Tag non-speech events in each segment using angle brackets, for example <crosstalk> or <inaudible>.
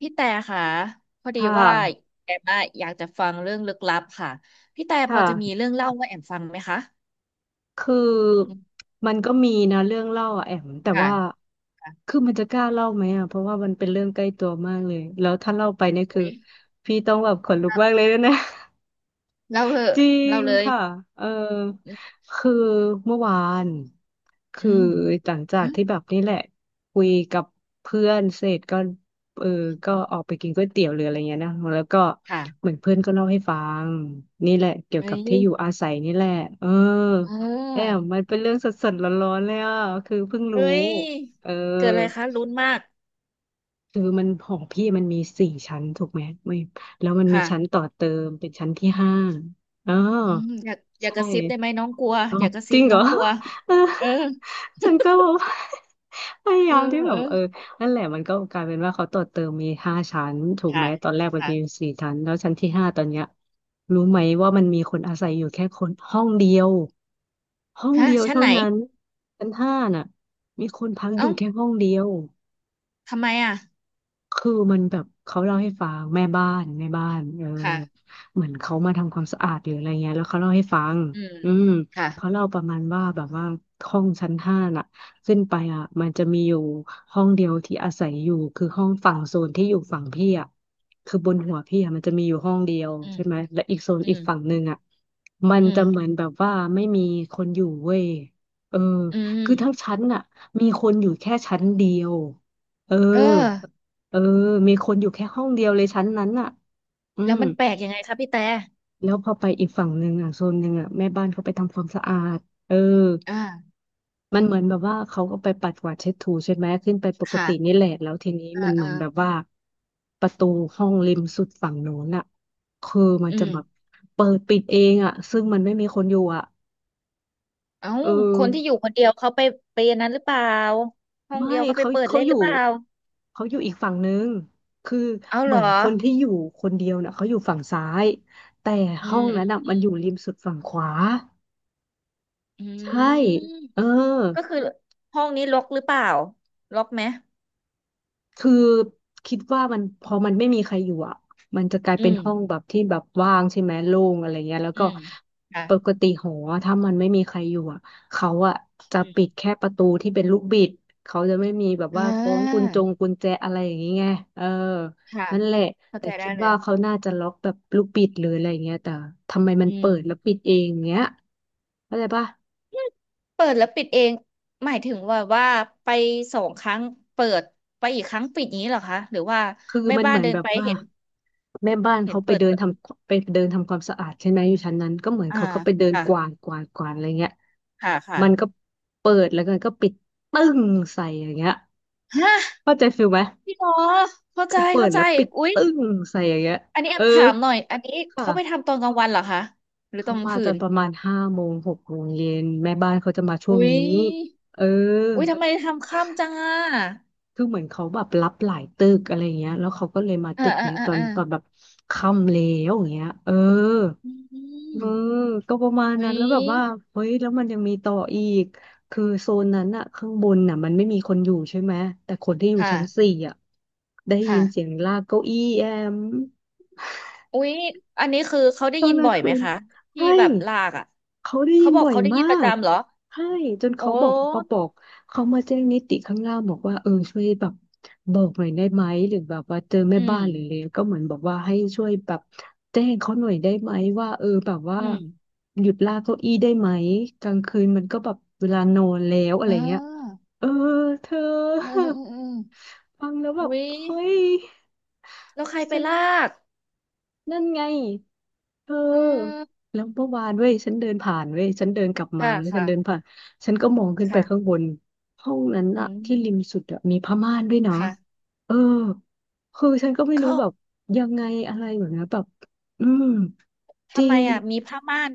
พี่แต่ค่ะพอดีค่ะว่าแอมอะอยากจะฟังเรื่องลึกลับค่ะพี่แต่พอจะมีค่ะ เรื่องเล่าว่าแอมฟังไหมคะคืออืมมันก็มีนะเรื่องเล่าอะแอมแต่ค่ะว่าค่ะคือมันจะกล้าเล่าไหมอ่ะ เพราะว่ามันเป็นเรื่องใกล้ตัวมากเลย แล้วถ้าเล่าไปเนี่ยคืออุ๊ยพี่ต้องแบบขนลุกมากเลยนะ เล่าเลยจริเล่างเลยค่ะเออคือเมื่อวานอืคือมหลังจาอืกมที่แบบนี่แหละคุยกับเพื่อนเสร็จก็เออก็ออกฮะไปกินก๋วยเตี๋ยวหรืออะไรเงี้ยนะแล้วก็เหค่ะมือนเพื่อนก็เล่าให้ฟังนี่แหละเกี่ยวเอ้กับยที่อยู่อาศัยนี่แหละเออเแอมออมันเป็นเรื่องสดๆร้อนๆเลยอ่ะคือเพิ่งเอ้รู้ยเออเกิดอะไรคะลุ้นมากคือมันหอพี่มันมีสี่ชั้นถูกไหมไม่แล้วมันมีค่ะชั้นต่อเติมเป็นชั้นที่ห้าอ๋อ อืมอยากอยากใช่กระซิบได้ไหมน้องกลัวอ๋ออยากกระจซิริบงเหน้รออ งกลัว <laughs> เออเออฉันก็แบบ <laughs> พยาเอยาอมที่แบเอบอเออนั่นแหละมันก็กลายเป็นว่าเขาต่อเติมมีห้าชั้นถูกไหมค่ะตอนแรกมันค่ะมีสี่ชั้นแล้วชั้นที่ห้าตอนเนี้ยรู้ไหมว่ามันมีคนอาศัยอยู่แค่คนห้องเดียวห้องฮะเดียวชั้นเท่าไหนนั้นชั้นห้าน่ะมีคนพักอเอ้ายู่แค่ห้องเดียว ทำไมอ่ะคือมันแบบเขาเล่าให้ฟังแม่บ้านเออค่ะเหมือนเขามาทำความสะอาดหรืออะไรเงี้ยแล้วเขาเล่าให้ฟังอืมอืมค่ะเขาเล่าประมาณว่าแบบว่าห้องชั้นห้าน่ะขึ้นไปอ่ะมันจะมีอยู่ห้องเดียวที่อาศัยอยู่คือห้องฝั่งโซนที่อยู่ฝั่งพี่อ่ะคือบนหัวพี่อ่ะมันจะมีอยู่ห้องเดียวอืม ใช่ไหมและอีกโซนอือีม กฝั่งหนึ่งอ่ะมันอืจะมเหมือนแบบว่าไม่มีคนอยู่เว้ยเอออืมคือทั้งชั้นน่ะมีคนอยู่แค่ชั้นเดียว เออเออเออมีคนอยู่แค่ห้องเดียวเลยชั้นนั้นน่ะอืแล้วมมันแปลกยังไงคะพี่แต่แล้วพอไปอีกฝั่งหนึ่งอ่ะโซนหนึ่งอ่ะแม่บ้านเขาไปทำความสะอาดเอออ่ามันเหมือนแบบว่าเขาก็ไปปัดกวาดเช็ดถูใช่ไหมขึ้นไปปกค่ะตินี่แหละแล้วทีนี้เอ่ามันเหมือาอนแบบว่าประตูห้องริมสุดฝั่งโน้นอ่ะคือมันอืจะแบบมเปิดปิดเองอ่ะซึ่งมันไม่มีคนอยู่อ่ะเอ้าเออ คนที่อยู่คนเดียวเขาไปอันนั้นหรือเปล่าห้องไม่เดียวเขาไปเขาเปิดเขาเล่นอหรืยู่อเปล่าเขาอยู่อีกฝั่งนึงคือเอาเหเหรมือนอคนที่อยู่คนเดียวน่ะเขาอยู่ฝั่งซ้ายแต่อืห้อมงนั้นน่ะอืมันมอยู่ริมสุดฝั่งขวาอืมอืใช่มเออ ก็คือห้องนี้ล็อกหรือเปล่าล็อกไหมคือคิดว่ามันพอมันไม่มีใครอยู่อ่ะมันจะกลายอืเป็นมห้องแบบที่แบบว่างใช่ไหมโล่งอะไรเงี้ยแล้วอืก็มค่ะปกติหอถ้ามันไม่มีใครอยู่อ่ะเขาอ่ะจะอืปิดมแค่ประตูที่เป็นลูกบิดเขาจะไม่มีแบบอ่ว่าคล้องกุญาจงกุญแจอะไรอย่างงี้ไงเออค่ะนั่นแหละเข้าแต่ใจได้คิดเลว่ายเขาน่าจะล็อกแบบลูกบิดหรืออะไรเงี้ยแต่ทำไมมันอืเปิดแล้วม ปิดเองเงี้ยเข้าใจปะ เปิดแล้วปิดเองหมายถึงว่าว่าไปสองครั้งเปิดไปอีกครั้งปิดอย่างนี้เหรอคะหรือว่าคือแม่มันบ้าเหนมือนเดิแบนบไปว่าเห็นแม่บ้านเห็นเขาเปิดไปเดินทำความสะอาดใช่ไหมอยู่ชั้นนั้นก็เหมือนอ่าเขาก็ไปเดินกวาค่ะดกวาดกวาดอะไรเงี้ยค่ะค่ะมันก็เปิดแล้วก็ปิดตึ้งใส่อย่างเงี้ยฮะเข้าใจฟิลไหมพี่หมอเข้าใจคือเปิเข้าดใจแล้วปิดอุ๊ยตึ้งใส่อย่างเงี้ยอันนี้แอเออมถามหน่อยอันนี้เขาไปค่ะทำตอนกลางวันเหรอคะหรือตเขาอนกลางมาคืตอนนประมาณห้าโมงหกโมงเย็นแม่บ้านเขาจะมาช่วงอุ๊ยนี้เออ อุ๊ยทำไมทำค่ำจังอ่ะคือเหมือนเขาแบบรับหลายตึกอะไรเงี้ย แล้วเขาก็เลยมาอ่าตึกอ่าเนี้ยอ่าตอนอ่าตอนแบบค่ำแล้วอย่างเงี้ย เออ อืเอมอ ก็ประมาณอุ๊นั้นยแล้วแบบว่า เฮ้ย แล้วมันยังมีต่ออีก คือโซนนั้นอะข้างบนน่ะมันไม่มีคนอยู่ใช่ไหม แต่คนที่อยู่ค่ะชั้นสี่อะได้ยินเสียค่ะ งลากเก้าอี้แอม อุ๊ยอันนี้คือเขาได้ตอยินนกลาบ่งอยไหมคืนคะที่ใช่แบบลากอ่ะเขาได้ยิเขานบอกบ่อยเขาได้ยิมานประกจำเหรอใช่จนโอเขาบ้อกเขามาแจ้งนิติข้างล่างบอกว่าเออช่วยแบบบอกหน่อยได้ไหมหรือแบบว่าเจอแม่อืบ้ามนหรืออะไรก็เหมือนบอกว่าให้ช่วยแบบแจ้งเขาหน่อยได้ไหมว่าเออแบบว่าอืมหยุดลากเก้าอี้ได้ไหมกลางคืนมันก็แบบเวลานอนแล้วอะไรอ่เงี้ยาเออเธอ อืมอืมอืม <laughs> ฟังแล้วแบบอุ๊ยเฮ้ยแล้วใครไปฉัน ลากนั่นไง เออ อืมแล้วเมื่อวานเว้ยฉันเดินผ่านเว้ยฉันเดินกลับมาค่ะแล้วฉันเดินค่ะผ่าน ฉันก็มองขึ้นไปค่ะข้างบนห้องนั้นอือะที่ริมมสุดอะมีผ้าม่านด้วยนะค่ะเออ คือฉันก็ไม่รู้เขาแบบยังไงอะไรแบบนี้นแบบอืม จทำริไมง อ่ะมีผ้าม่าน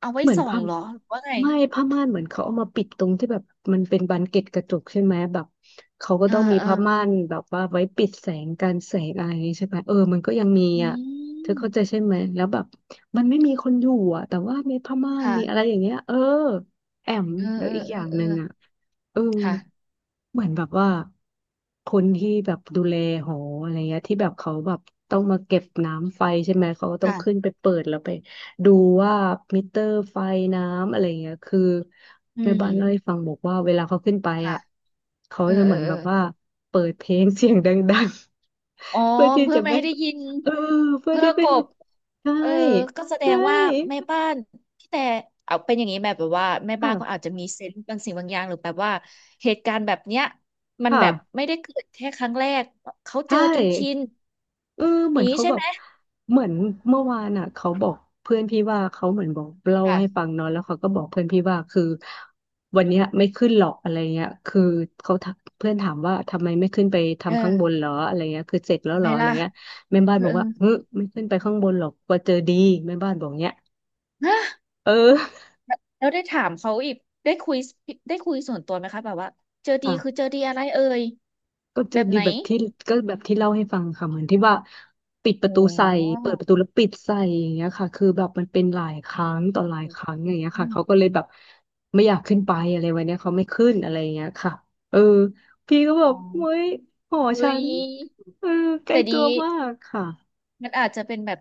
เอาไว้เหมือนส่องผ้าเหรอหรือว่าไงไม่ผ้าม่านเหมือนเขาเอามาปิดตรงที่แบบมันเป็นบานเกล็ดกระจกใช่ไหมแบบเขาก็เอ่าต้องมีอ่าผ้าม่านแบบว่าไว้ปิดแสงการแสงอะไรอย่างงี้ใช่ไหมเออมันก็ยังมีอือ่ะเธอเข้าใจมใช่ไหมแล้วแบบมันไม่มีคนอยู่อ่ะแต่ว่ามีผ้าม่านค่ะมีอะไรอย่างเงี้ยเออแอมเออแล้วเอออีกอเอย่าองเอหอนึ่งอ่ะเออ ค่ะเหมือนแบบว่าคนที่แบบดูแลหออะไรเงี้ยที่แบบเขาแบบต้องมาเก็บน้ำไฟใช่ไหมเขาก็ต้องขึ้นค่ะไปเปิดแล้วไปดูว่ามิเตอร์ไฟน้ำอะไรเงี้ยคืออืแม่บ้านเล่าให้มฟังบอกว่าเวลาเขาขึ้นไปค่ะอ่ะเขาเออจะเอเหมืออนเอแบอ บว่าเปิดเพลงเสียงดังๆ อ๋อ <laughs> เพื่อที่เพื่อจะไม่ไม่ให้ได้ยินเออเพื่อเพื่อที่กไม่บใช่เออก็แสดใช่งว่าแม่บ้านพี่แต่เอาเป็นอย่างนี้แบบว่าแม่บ้านก็อาค่ะจจะมีเซนส์บางสิ่งบางอย่างหรือแบบว่าเหตุการณ์แบบเนี้ยมันแบบค่ะไม่ได้เกิดแค่ครั้งแรกเขาใชเจอจนชิน่ เอออเหมืย่าอนงนี้เขาใช่แบไหบมเหมือนเมื่อวานอ่ะเขาบอกเพื่อนพี่ว่าเขาเหมือนบอกเล่าให้ฟัค่ะงเนาะแล้วเขาก็บอกเพื่อนพี่ว่าคือวันเนี้ยไม่ขึ้นหรอกอะไรเงี้ยคือเขาถามเพื่อนถามว่าทำไมไม่ขึ้นไปเอทำข้างบอนเหรออะไรเงี้ยคือเสร็จแล้วทำเหรไมออะไรล่ะเงี้ยแม่บ้าเอนอบอกเออว่าเฮ้ยไม่ขึ้นไปข้างบนหรอกกลัวเจอดีแม่บ้านบอกเงี้ยฮะเออแล้วได้ถามเขาอีกได้คุยได้คุยส่วนตัวไหมคะแบบว่าเจอดีคือค่ะ เจอดีอะไรเอ่ยก็จะแบบดีไหนแบบที่ก็แบบที่เล่าให้ฟังค่ะเหมือนที่ว่าปิดปโอ้โระตูใส่เปิดปหระตูแล้วปิดใส่อย่างเงี้ยค่ะคือแบบมันเป็นหลายครั้งต่อหลายครั้งอย่างเงี้ยค่ะอืเขาก็มเลยแบบไม่อยากขึ้นไปอะไรวันเนี้ยเขาไม่ขึ้นอะไรอย่างเงี้ยค่ะเออพี่ก็บอ๋ออ กเฮ้ยหอฉัอุ้ยนเออใกล้แต่ตัดีวมากค่ะมันอาจจะเป็นแบบ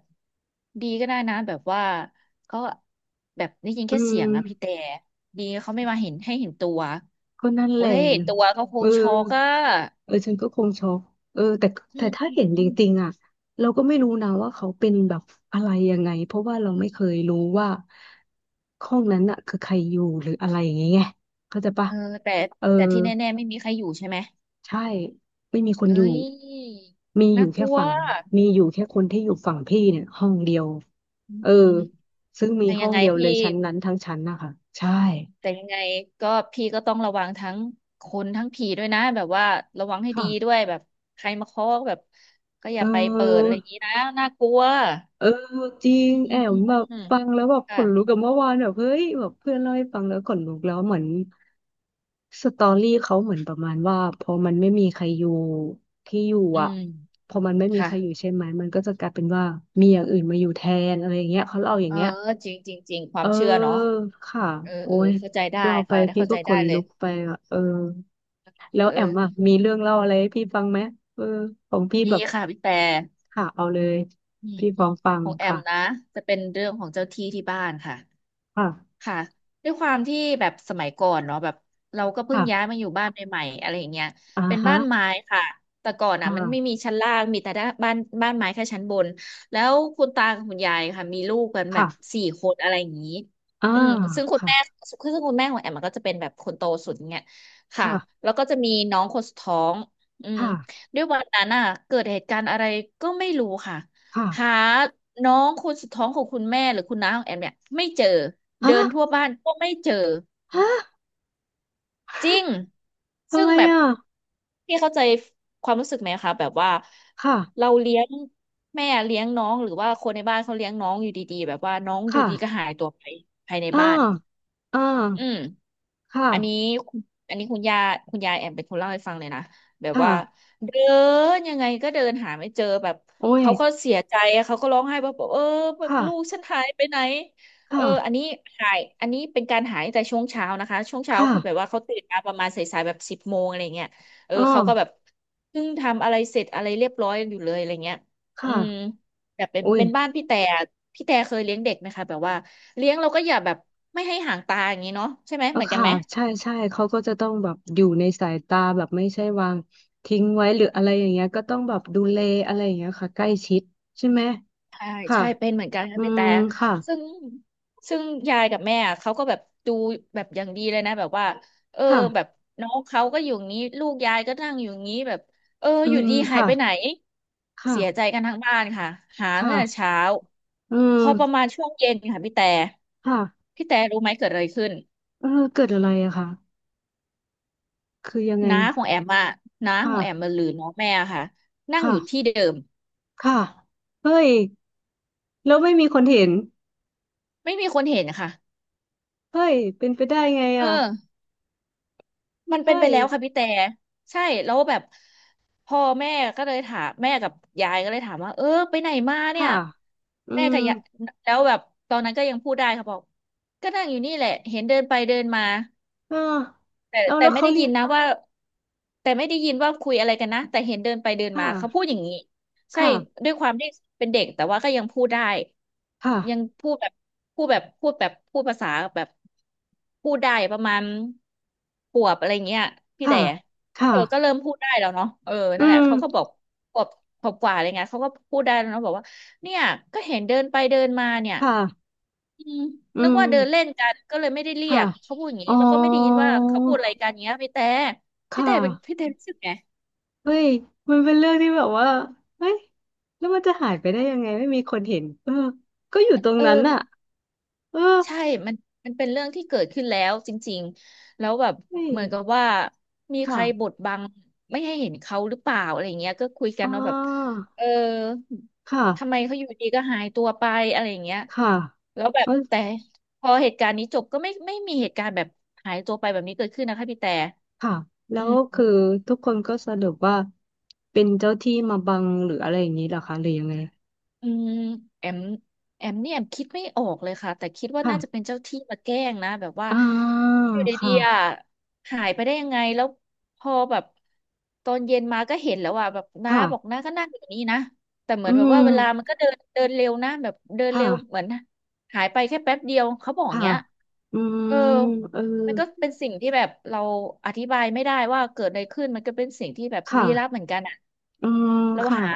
ดีก็ได้นะแบบว่าเขาแบบได้ยินอืแค่เสียงมอะพี่แต่ดีเขาไม่มาเห็นให้เห็นตัวก็นั่นแหโอ้ละถ้าเห็นตัวเขาคเองอ ช็อกอะเออฉันก็คงช็อกเออแต่อืแต่มถ้าอืมเห็นอืจมริงๆอ่ะเราก็ไม่รู้นะว่าเขาเป็นแบบอะไรยังไงเพราะว่าเราไม่เคยรู้ว่าห้องนั้นอ่ะคือใครอยู่หรืออะไรอย่างเงี้ยไงเข้าใจปะเออแต่เออแต่ที่แน่ๆไม่มีใครอยู่ใช่ไหมใช่ไม่มีคนอเฮ้ยู่ยมีอน่ายู่กแค่ลัวฝั่งมีอยู่แค่คนที่อยู่ฝั่งพี่เนี่ยห้องเดียวอืมเอออืมซึ่งมีแต่ห้ยัองงไงเดียวเลพี่ ยชั้นนั้นทั้งชั้นนะคะใช่แต่ยังไงก็พี่ก็ต้องระวังทั้งคนทั้งผีด้วยนะแบบว่าระวังให้ดีด้ค่ะวยแบบใครมาเคาะแบบก็อเอย่าไปเปิดอะไรอย่างนี้อ นะน่ากลัวเออจริงอืมแออืมมอืมแบบอืมฟังแล้วแบบขค่ะนลุกกับเมื่อวานแบบเฮ้ยแบบเพื่อนเล่าให้ฟังแล้วขนลุกแล้วเหมือนสตอรี่เขาเหมือนประมาณว่าพอมันไม่มีใครอยู่ที่อยู่อือ่ะมพอมันไม่มีใครอยู่ค่ะใช่ไหมมันก็จะกลายเป็นว่ามีอย่างอื่นมาอยู่แทนอะไรอย่างเงี้ยเขาเล่าอย่างเออเงี้ยจริงจริงจริงควาเอมอเชื่อเนาะค่ะเออโอ้เออยเข้าใจได้เราไปค่ะได้พี่เข้าก็ใจขได้นเลลุยกไปอ่ะเออแล้เอวแอมอ่ะอมีเรื่องเล่าอะไรให้พี่ฟังไหมเออของพี่มีแบบค่ะพี่แต่ค่ะเอาเลยอืมพี่พร้อมฟังของแอมนะค่ะจะเป็นเรื่องของเจ้าที่ที่บ้านค่ะ ค่ะ ค่ะด้วยความที่แบบสมัยก่อนเนาะแบบเราก็เพิ่งย้ายค่ะมาอยู่บ้านใหม่ๆอะไรอย่างเงี้ยอ่าเป็นฮะบ้านไม้ค่ะแต่ก่อนอ่ะมันไม่ค่ะมีชั้นล่างมีแต่ด้านบ้านบ้านไม้แค่ชั้นบนแล้วคุณตากับคุณยายค่ะมีลูกกันแบค่ะบ4 คนอะไรอย่างนี้อ่าอืมซึ่งคุณค่ะแม่ซึ่งคุณแม่ของแอมมันก็จะเป็นแบบคนโตสุดเงี้ยค่ะค่ะแล้วก็จะมีน้องคนสุดท้องอืมค่ะด้วยวันนั้นอ่ะเกิดเหตุการณ์อะไรก็ไม่รู้ค่ะ ค่ะหาน้องคนสุดท้องของคุณแม่หรือคุณน้าของแอมเนี่ยไม่เจอฮะเดินทั่วบ้านก็ไม่เจอฮะจริงทำซึ่งไมแบบอ่ะพี่เข้าใจความรู้สึกไหมคะแบบว่าค่ะเราเลี้ยงแม่เลี้ยงน้องหรือว่าคนในบ้านเขาเลี้ยงน้องอยู่ดีๆแบบว่าน้องอยู่ค่ะดีก็หายตัวไปภายในอ่าบ้านอ่าอืม ค่ะอันนี้คุณอันนี้คุณยายแอมเป็นคนเล่าให้ฟังเลยนะแบบว่าค่ะเดินยังไงก็เดินหาไม่เจอแบบโอ้ยเขาก็เสียใจอะเขาก็ร้องไห้แบบเออแบบลูกค่ะฉันหายไปไหนเออค่ะอันนี้หายอันนี้เป็นการหายตั้งแต่ช่วงเช้านะคะช่วงเช้าค่ะคือแบบว่าเขาตื่นมาประมาณสายๆแบบ10 โมงอะไรเงี้ยเอออ่าเขาก็แบบเพิ่งทำอะไรเสร็จอะไรเรียบร้อยอยู่เลยอะไรเงี้ยอืมค่ะแบบเป็นโอ้ยเป็นบ้านพี่แต่พี่แต่เคยเลี้ยงเด็กไหมคะแบบว่าเลี้ยงเราก็อย่าแบบไม่ให้ห่างตาอย่างนี้เนาะใช่ไหมเออเหมือนกันค่ะไหม ใช่ใช่เขาก็จะต้องแบบอยู่ในสายตาแบบไม่ใช่วางทิ้งไว้หรืออะไรอย่างเงี้ยก็ต้องแบบดูแลอะไรอย่างเงี้ยค่ะใกล้ชิดใช่ไหมใช่ค่ะ ใช่เป็นเหมือนกันค่ะอืพี่ม แต่ค่ะซึ่งซึ่งยายกับแม่อะเขาก็แบบดูแบบอย่างดีเลยนะแบบว่าเออแบบค่ะน้องเขาก็อยู่อย่างนี้ลูกยายก็นั่งอยู่อย่างนี้แบบเอออือยู่มดีหายค่ะ ไปไหนค่ะเสียใจกันทั้งบ้านค่ะหาตั้ค่ะงแต่เช้าเออพอประมาณช่วงเย็นค่ะพี่แต่ค่ะพี่แต่รู้ไหมเกิดอะไรขึ้นเออเกิดอะไรอะคะคือยังไงน้าของแอมอะน้าของแอมค่ะมาหรือน้องแม่อะค่ะนั่งค่ะอยู่ที่เดิมค่ะเฮ้ยแล้วไม่มีคนเห็นไม่มีคนเห็นค่ะเฮ้ยเป็นไปได้ไงเอะออ มันเป็นเฮ้ไปยแล้วค่ะพี่แต่ใช่แล้วแบบพ่อแม่ก็เลยถามแม่กับยายก็เลยถามว่าเออไปไหนมาเนี่ค่ะยอืแม่มกับยายแล้วแบบตอนนั้นก็ยังพูดได้ค่ะบอกก็นั่งอยู่นี่แหละเห็นเดินไปเดินมา เออแต่แล้วแต่แล้วไม่เขาได้เรียิยนกนะว่าแต่ไม่ได้ยินว่าคุยอะไรกันนะแต่เห็นเดินไปเดินคมาเขาพูด่ะอย่างนี้ใช่ค่ะด้วยความที่เป็นเด็กแต่ว่าก็ยังพูดได้ยังค่ะพูดแบบพูดแบบพูดภาษาแบบพูดได้ประมาณปวบอะไรเงี้ยพี่แต่ค่ะค่ะเออก็เริ่มพูดได้แล้วเนาะเอออืนั่นแหละมเขาก็บอกปวบปวบกว่าอะไรเงี้ยเขาก็พูดได้แล้วเนาะบอกว่าเนี่ยก็เห็นเดินไปเดินมาเนี่ย ค่ะอืมอืนึกมว่าเดินเล่นกันก็เลยไม่ได้เรียค่ะกเขาพูดอย่างอ๋นี้อแล้วก็ไม่ได้ยินว่าเขาพูดอะไรกันเงี้ยพี่แต่พี่ค่ะ แต่เป็นพี่แต่รู้สึกไงเฮ้ย มันเป็นเรื่องที่แบบว่าเฮ้ย แล้วมันจะหายไปได้ยังไงไม่มีคนเห็นเออก็อยู่ตรงเออนั้นมัน่ะนเออใช่มันมันเป็นเรื่องที่เกิดขึ้นแล้วจริงๆแล้วแบบเฮ้ยเหมือนกับว่ามีใครบค่ะดบังไม่ให้เห็นเขาหรือเปล่าอะไรเงี้ยก็คุยกัอ๋นอเนาะแบบเออค่ะทำไมเขาอยู่ดีก็หายตัวไปอะไรเงี้ยค่ะแล้วแบเอบอแต่พอเหตุการณ์นี้จบก็ไม่มีเหตุการณ์แบบหายตัวไปแบบนี้เกิดขึ้นนะคะพี่แต่ค่ะแล้อืวม คือทุกคนก็สรุปว่าเป็นเจ้าที่มาบังหรืออะไรอย่างนี้เหรอคะหรือยังไงอืมแอมแอมเนี่ยแอมคิดไม่ออกเลยค่ะแต่คิดว่าค่ะน่าจะเป็นเจ้าที่มาแกล้งนะแบบว่าอ่าอยู่คดีๆอ่ะ่ะหายไปได้ยังไงแล้วพอแบบตอนเย็นมาก็เห็นแล้วอ่ะแบบน้าบอกค่ะน้าก็นั่งอยู่นี่นะแต่เหมืออืนแบบว่ามเวลามันก็เดินเดินเร็วนะแบบเดินค่ะเร็วเหมือนหายไปแค่แป๊บเดียวเขาบอกอย่าค่ะงเงี้ยอืมเออ เออมันก็เป็นสิ่งที่แบบเราอธิบายไม่ได้ว่าเกิดอะไรขึ้นมันก็เป็นสิ่งที่แบบค่ะลี้ลับเหมือนกันอะอืมเราค่ะ หา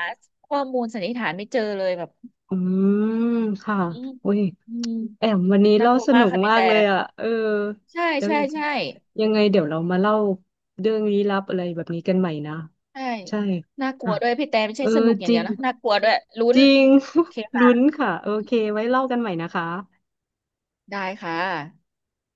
ข้อมูลสันนิษฐานไม่เจอเลยแบบอืมค่ะอืมอุ้ยอืมแอมวันนี้น่าเล่ากลัวสมานุกกค่ะพี่มากแต่เลยอ่ะเออใช่เดี๋ยวใช่ใช่ยังไงเดี๋ยวเรามาเล่าเรื่องลี้ลับอะไรแบบนี้กันใหม่นะใช่ใช่น่ากลัค่ะวด้วยพี่แต่ไม่เอใช่อสนุกอย่าจงเดีริยงวนะน่ากลัวด้วยลุ้จนริง โอเค <laughs> ค่ะลุ้นค่ะโอเคไว้เล่ากันใหม่นะคะได้ค่ะ